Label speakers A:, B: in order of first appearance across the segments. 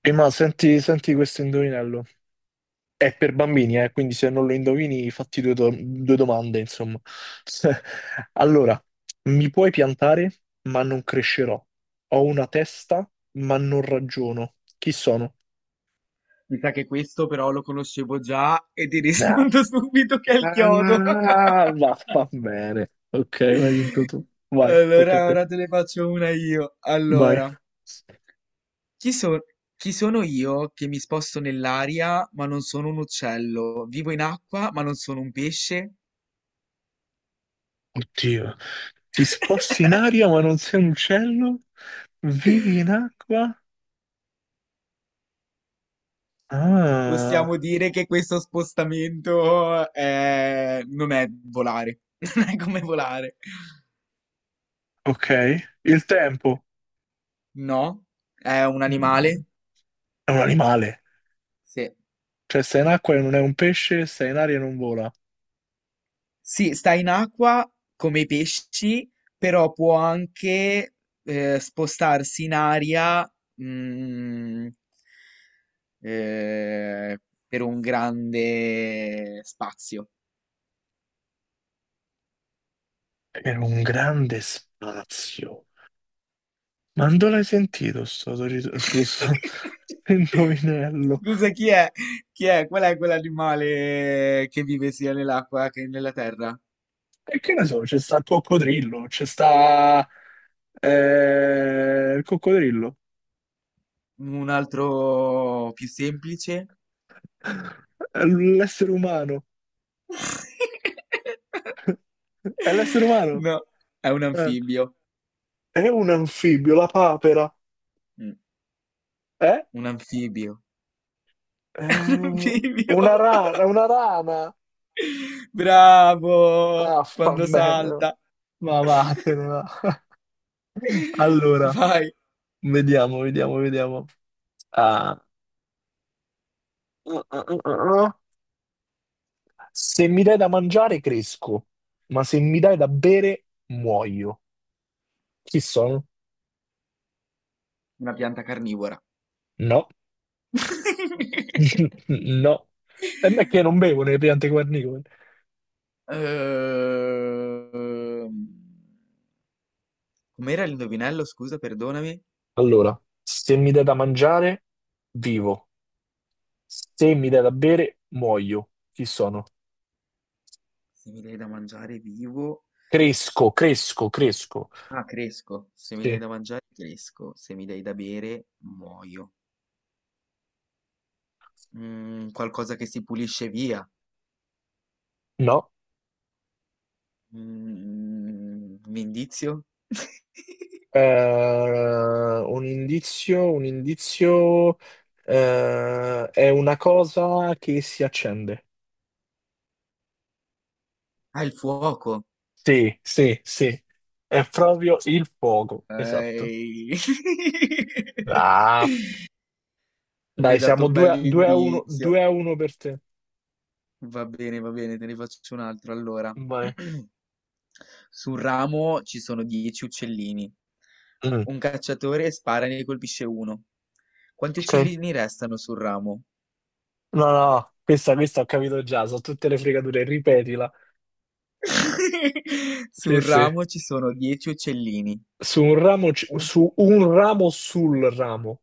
A: Prima senti, senti questo indovinello. È per bambini, quindi se non lo indovini, fatti due domande, insomma. Allora, mi puoi piantare, ma non crescerò. Ho una testa, ma non ragiono. Chi sono?
B: Mi sa che questo però lo conoscevo già e ti
A: Ah,
B: rispondo subito che è il chiodo.
A: ah, va bene. Ok, l'hai vinto tu. Vai, tocca a
B: Allora,
A: te.
B: ora te ne faccio una io.
A: Vai.
B: Allora, chi, so- chi sono io che mi sposto nell'aria ma non sono un uccello? Vivo in acqua ma non sono un pesce?
A: Oddio. Ti sposti in aria, ma non sei un uccello? Vivi in acqua?
B: Possiamo
A: Ah.
B: dire che questo non è volare, non è come volare.
A: Ok? Il tempo.
B: No, è un
A: Mm,
B: animale?
A: è un animale,
B: Sì.
A: cioè sta in acqua e non è un pesce, sta in aria e non vola.
B: Sì, sta in acqua come i pesci, però può anche spostarsi in aria, mm, eh, per un grande spazio.
A: Per un grande spazio. Ma non l'hai sentito sto, sto indovinello?
B: Scusa, chi è? Chi è? Qual è quell'animale che vive sia nell'acqua che nella terra?
A: E che ne so, c'è sta il coccodrillo, c'è sta il coccodrillo.
B: Un altro più semplice?
A: È l'essere umano, è l'essere umano.
B: No, è un
A: Eh.
B: anfibio.
A: È un anfibio, la papera,
B: Mm.
A: eh?
B: Un anfibio.
A: È
B: Bivio.
A: una rana, una rana.
B: Bravo!
A: Ah, fa
B: Quando
A: bene.
B: salta.
A: Ma vattene, va. Allora,
B: Vai.
A: vediamo, vediamo, vediamo. Ah, uh, uh, uh, uh, uh. Se mi dai da mangiare, cresco, ma se mi dai da bere, muoio. Chi sono?
B: Una pianta carnivora.
A: No, no. E me che non bevo nelle piante guarnicole.
B: Ehm, Com'era l'indovinello? Scusa, perdonami.
A: Allora, se mi dai da mangiare, vivo. Se mi dai da bere, muoio. Chi sono?
B: Se mi dai da mangiare vivo.
A: Cresco, cresco, cresco.
B: Ah, cresco. Se mi dai
A: Sì.
B: da mangiare, cresco. Se mi dai da bere, muoio. Mm, qualcosa che si pulisce via.
A: No.
B: Mm, un indizio?
A: Un indizio, è una cosa che si accende.
B: Ah, il fuoco.
A: Sì, sì, sì, è proprio il fuoco, esatto.
B: Ehi.
A: Ah,
B: Mi
A: dai,
B: hai dato
A: siamo
B: un
A: 2-1,
B: bell'indizio.
A: 2-1 per te.
B: Va bene, te ne faccio un altro. Allora,
A: Vai.
B: sul ramo ci sono dieci uccellini.
A: Mm,
B: Un cacciatore spara e ne colpisce uno. Quanti
A: ok.
B: uccellini restano sul ramo?
A: No, no, questa ho capito già, sono tutte le fregature, ripetila. Sì,
B: Sul
A: sì.
B: ramo ci sono dieci uccellini.
A: Su un ramo, ci-
B: Un-
A: su un ramo sul ramo.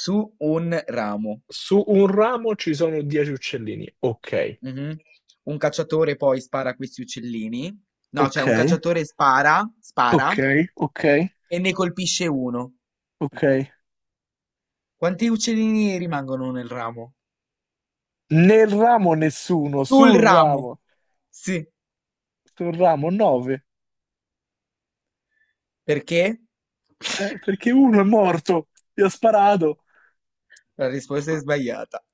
B: Su un ramo.
A: Su un ramo ci sono 10 uccellini. Ok.
B: Mhm. Un cacciatore poi spara a questi uccellini. No, cioè
A: Ok.
B: un cacciatore spara
A: Ok, ok,
B: e ne colpisce uno.
A: ok.
B: Quanti uccellini rimangono nel ramo?
A: Nel ramo nessuno,
B: Sul ramo. Sì,
A: sul ramo 9,
B: perché?
A: perché uno è morto, gli ha sparato.
B: La risposta è sbagliata.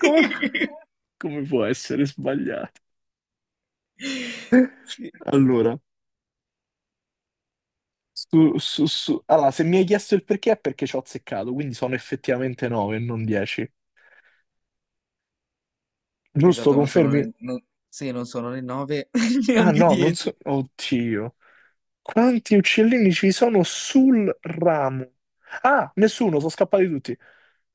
A: Come, come può essere sbagliato?
B: Sì,
A: Allora, se mi hai chiesto il perché è perché ci ho azzeccato, quindi sono effettivamente 9 e non 10. Giusto,
B: esatto,
A: confermi?
B: non sono né 9
A: Ah
B: neanche
A: no, non
B: 10.
A: so. Oddio. Quanti uccellini ci sono sul ramo? Ah, nessuno, sono scappati tutti.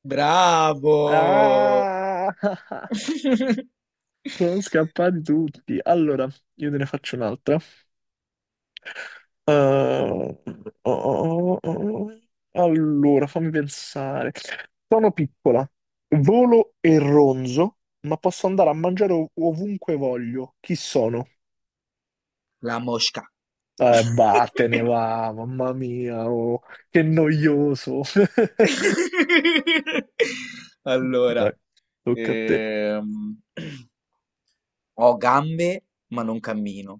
B: Bravo!
A: Ah! Sono scappati tutti. Allora, io te ne faccio un'altra. Oh, oh, oh, oh, oh. Allora, fammi pensare. Sono piccola, volo e ronzo, ma posso andare a mangiare ovunque voglio. Chi sono?
B: La mosca.
A: Vattene va, mamma mia, oh, che noioso.
B: Allora,
A: Vai, tocca a te.
B: ehm, ho gambe ma non cammino,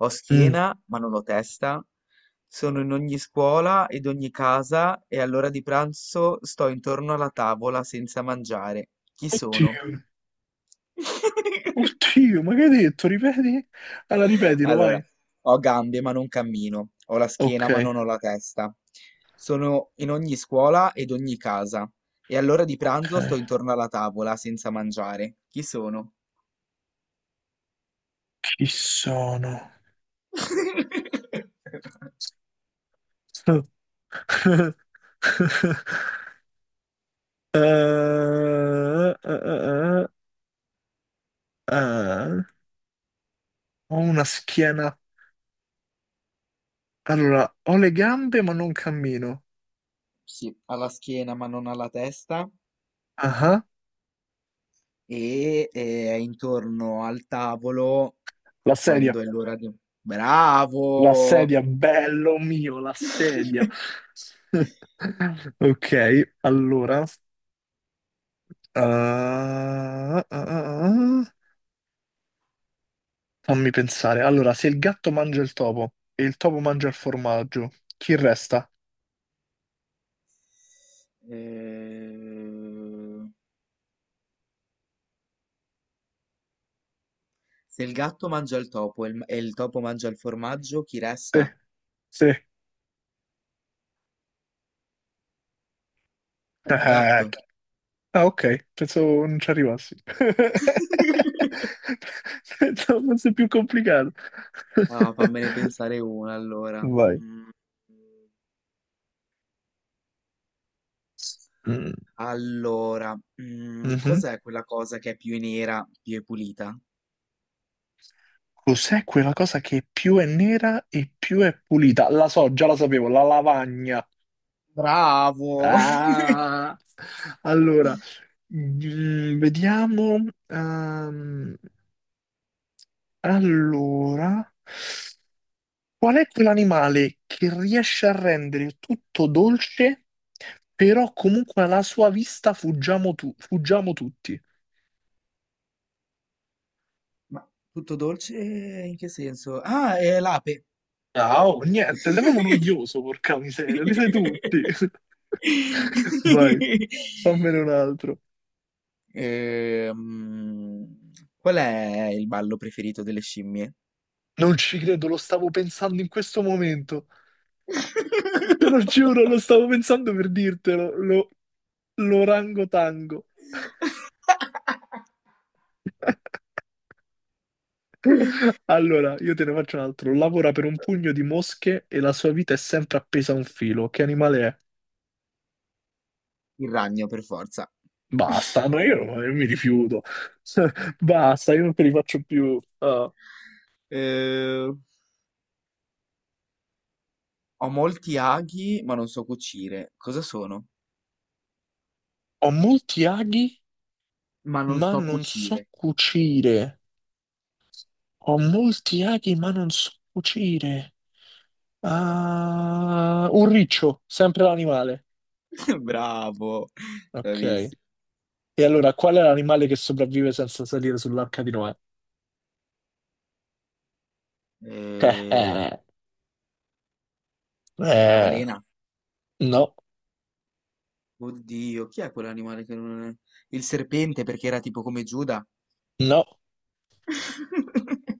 B: ho
A: Mm.
B: schiena ma non ho testa, sono in ogni scuola ed ogni casa e all'ora di pranzo sto intorno alla tavola senza mangiare. Chi sono?
A: Oddio, oddio, ma che hai detto? Ripeti? Allora, ripetilo,
B: Allora,
A: vai.
B: ho gambe ma non cammino, ho la schiena
A: Ok,
B: ma non ho la testa. Sono in ogni scuola ed ogni casa, e all'ora di
A: ok.
B: pranzo sto intorno alla tavola senza mangiare. Chi sono?
A: Chi sono? Eh, eh, eh, eh. Eh. Ho una schiena. Allora, ho le gambe ma non cammino.
B: Sì, ha la schiena ma non ha la testa,
A: Ah, ah.
B: e è intorno al tavolo
A: La sedia.
B: quando è l'ora di...
A: La
B: Bravo!
A: sedia, bello mio, la sedia. Ok, allora. Ah, ah, ah. Ah. Fammi pensare. Allora, se il gatto mangia il topo e il topo mangia il formaggio, chi resta?
B: Eh, se il gatto mangia il topo e il topo mangia il formaggio, chi
A: Sì,
B: resta?
A: sì.
B: Il
A: Ah,
B: gatto.
A: chi- ah, ok, pensavo non ci arrivassi. Pensavo fosse più complicato.
B: Ah, fammene pensare una allora.
A: Vai.
B: Mm,
A: Mm,
B: allora,
A: mhm.
B: cos'è quella cosa che è più nera, più è pulita?
A: Cos'è quella cosa che più è nera e più è pulita? La so, già la sapevo, la lavagna.
B: Bravo!
A: Ah! Allora, vediamo. Allora. Qual è quell'animale che riesce a rendere tutto dolce, però comunque alla sua vista fuggiamo, fuggiamo tutti?
B: Ma tutto dolce in che senso? Ah, è l'ape.
A: Ciao, niente, sei proprio noioso, porca miseria, li sai tutti. Vai, fammene un altro.
B: Ehm, qual è il ballo preferito delle scimmie?
A: Non ci credo, lo stavo pensando in questo momento. Te lo giuro, lo stavo pensando per dirtelo, l'orangotango. Allora, io te ne faccio un altro. Lavora per un pugno di mosche e la sua vita è sempre appesa a un filo. Che animale è?
B: Il ragno, per forza.
A: Basta, ma io mi rifiuto. Basta, io non te li faccio più. Ah.
B: Eh, ho molti aghi, ma non so cucire. Cosa sono?
A: Ho molti aghi,
B: Ma non
A: ma
B: so
A: non so
B: cucire.
A: cucire. Ho molti aghi, ma non so cucire. Ah, un riccio, sempre l'animale.
B: Bravo,
A: Ok.
B: bravissimo.
A: E allora, qual è l'animale che sopravvive senza salire sull'arca di Noè? Eh,
B: Eh,
A: eh,
B: la
A: eh,
B: balena.
A: no,
B: Oddio, chi è quell'animale che non è? Il serpente, perché era tipo come Giuda.
A: no.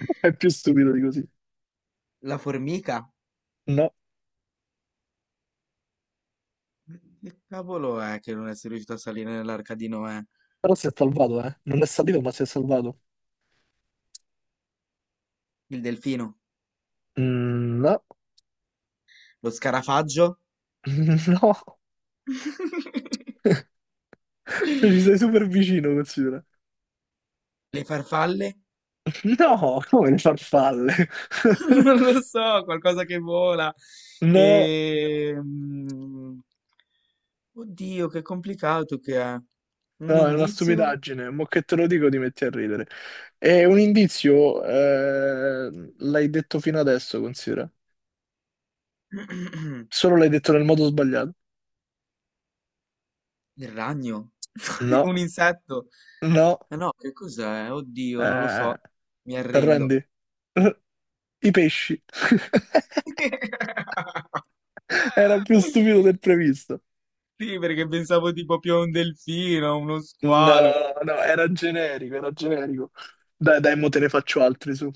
A: È più stupido di così.
B: La formica.
A: No,
B: Che cavolo è che non è riuscito a salire nell'arca di Noè?
A: però si è salvato, eh. Non è salito, ma si è salvato.
B: Il delfino.
A: No,
B: Lo scarafaggio.
A: no, Cioè, ci sei super vicino, considera.
B: Le farfalle.
A: No, come le farfalle.
B: Non lo so, qualcosa che vola.
A: No,
B: E... mm, Oddio, che complicato che è. Un
A: no, è una
B: indizio?
A: stupidaggine. Mo' che te lo dico, ti metti a ridere. È un indizio, l'hai detto fino adesso, considera. Solo l'hai detto nel modo sbagliato.
B: Il ragno?
A: No.
B: Un insetto?
A: No,
B: Ma no, che cos'è? Oddio, non lo
A: eh,
B: so. Mi
A: ti arrendi?
B: arrendo.
A: I pesci. Era più stupido del previsto.
B: Sì, perché pensavo tipo più a un delfino, a uno squalo.
A: No, no, era generico, era generico. Dai, dai, mo te ne faccio altri su.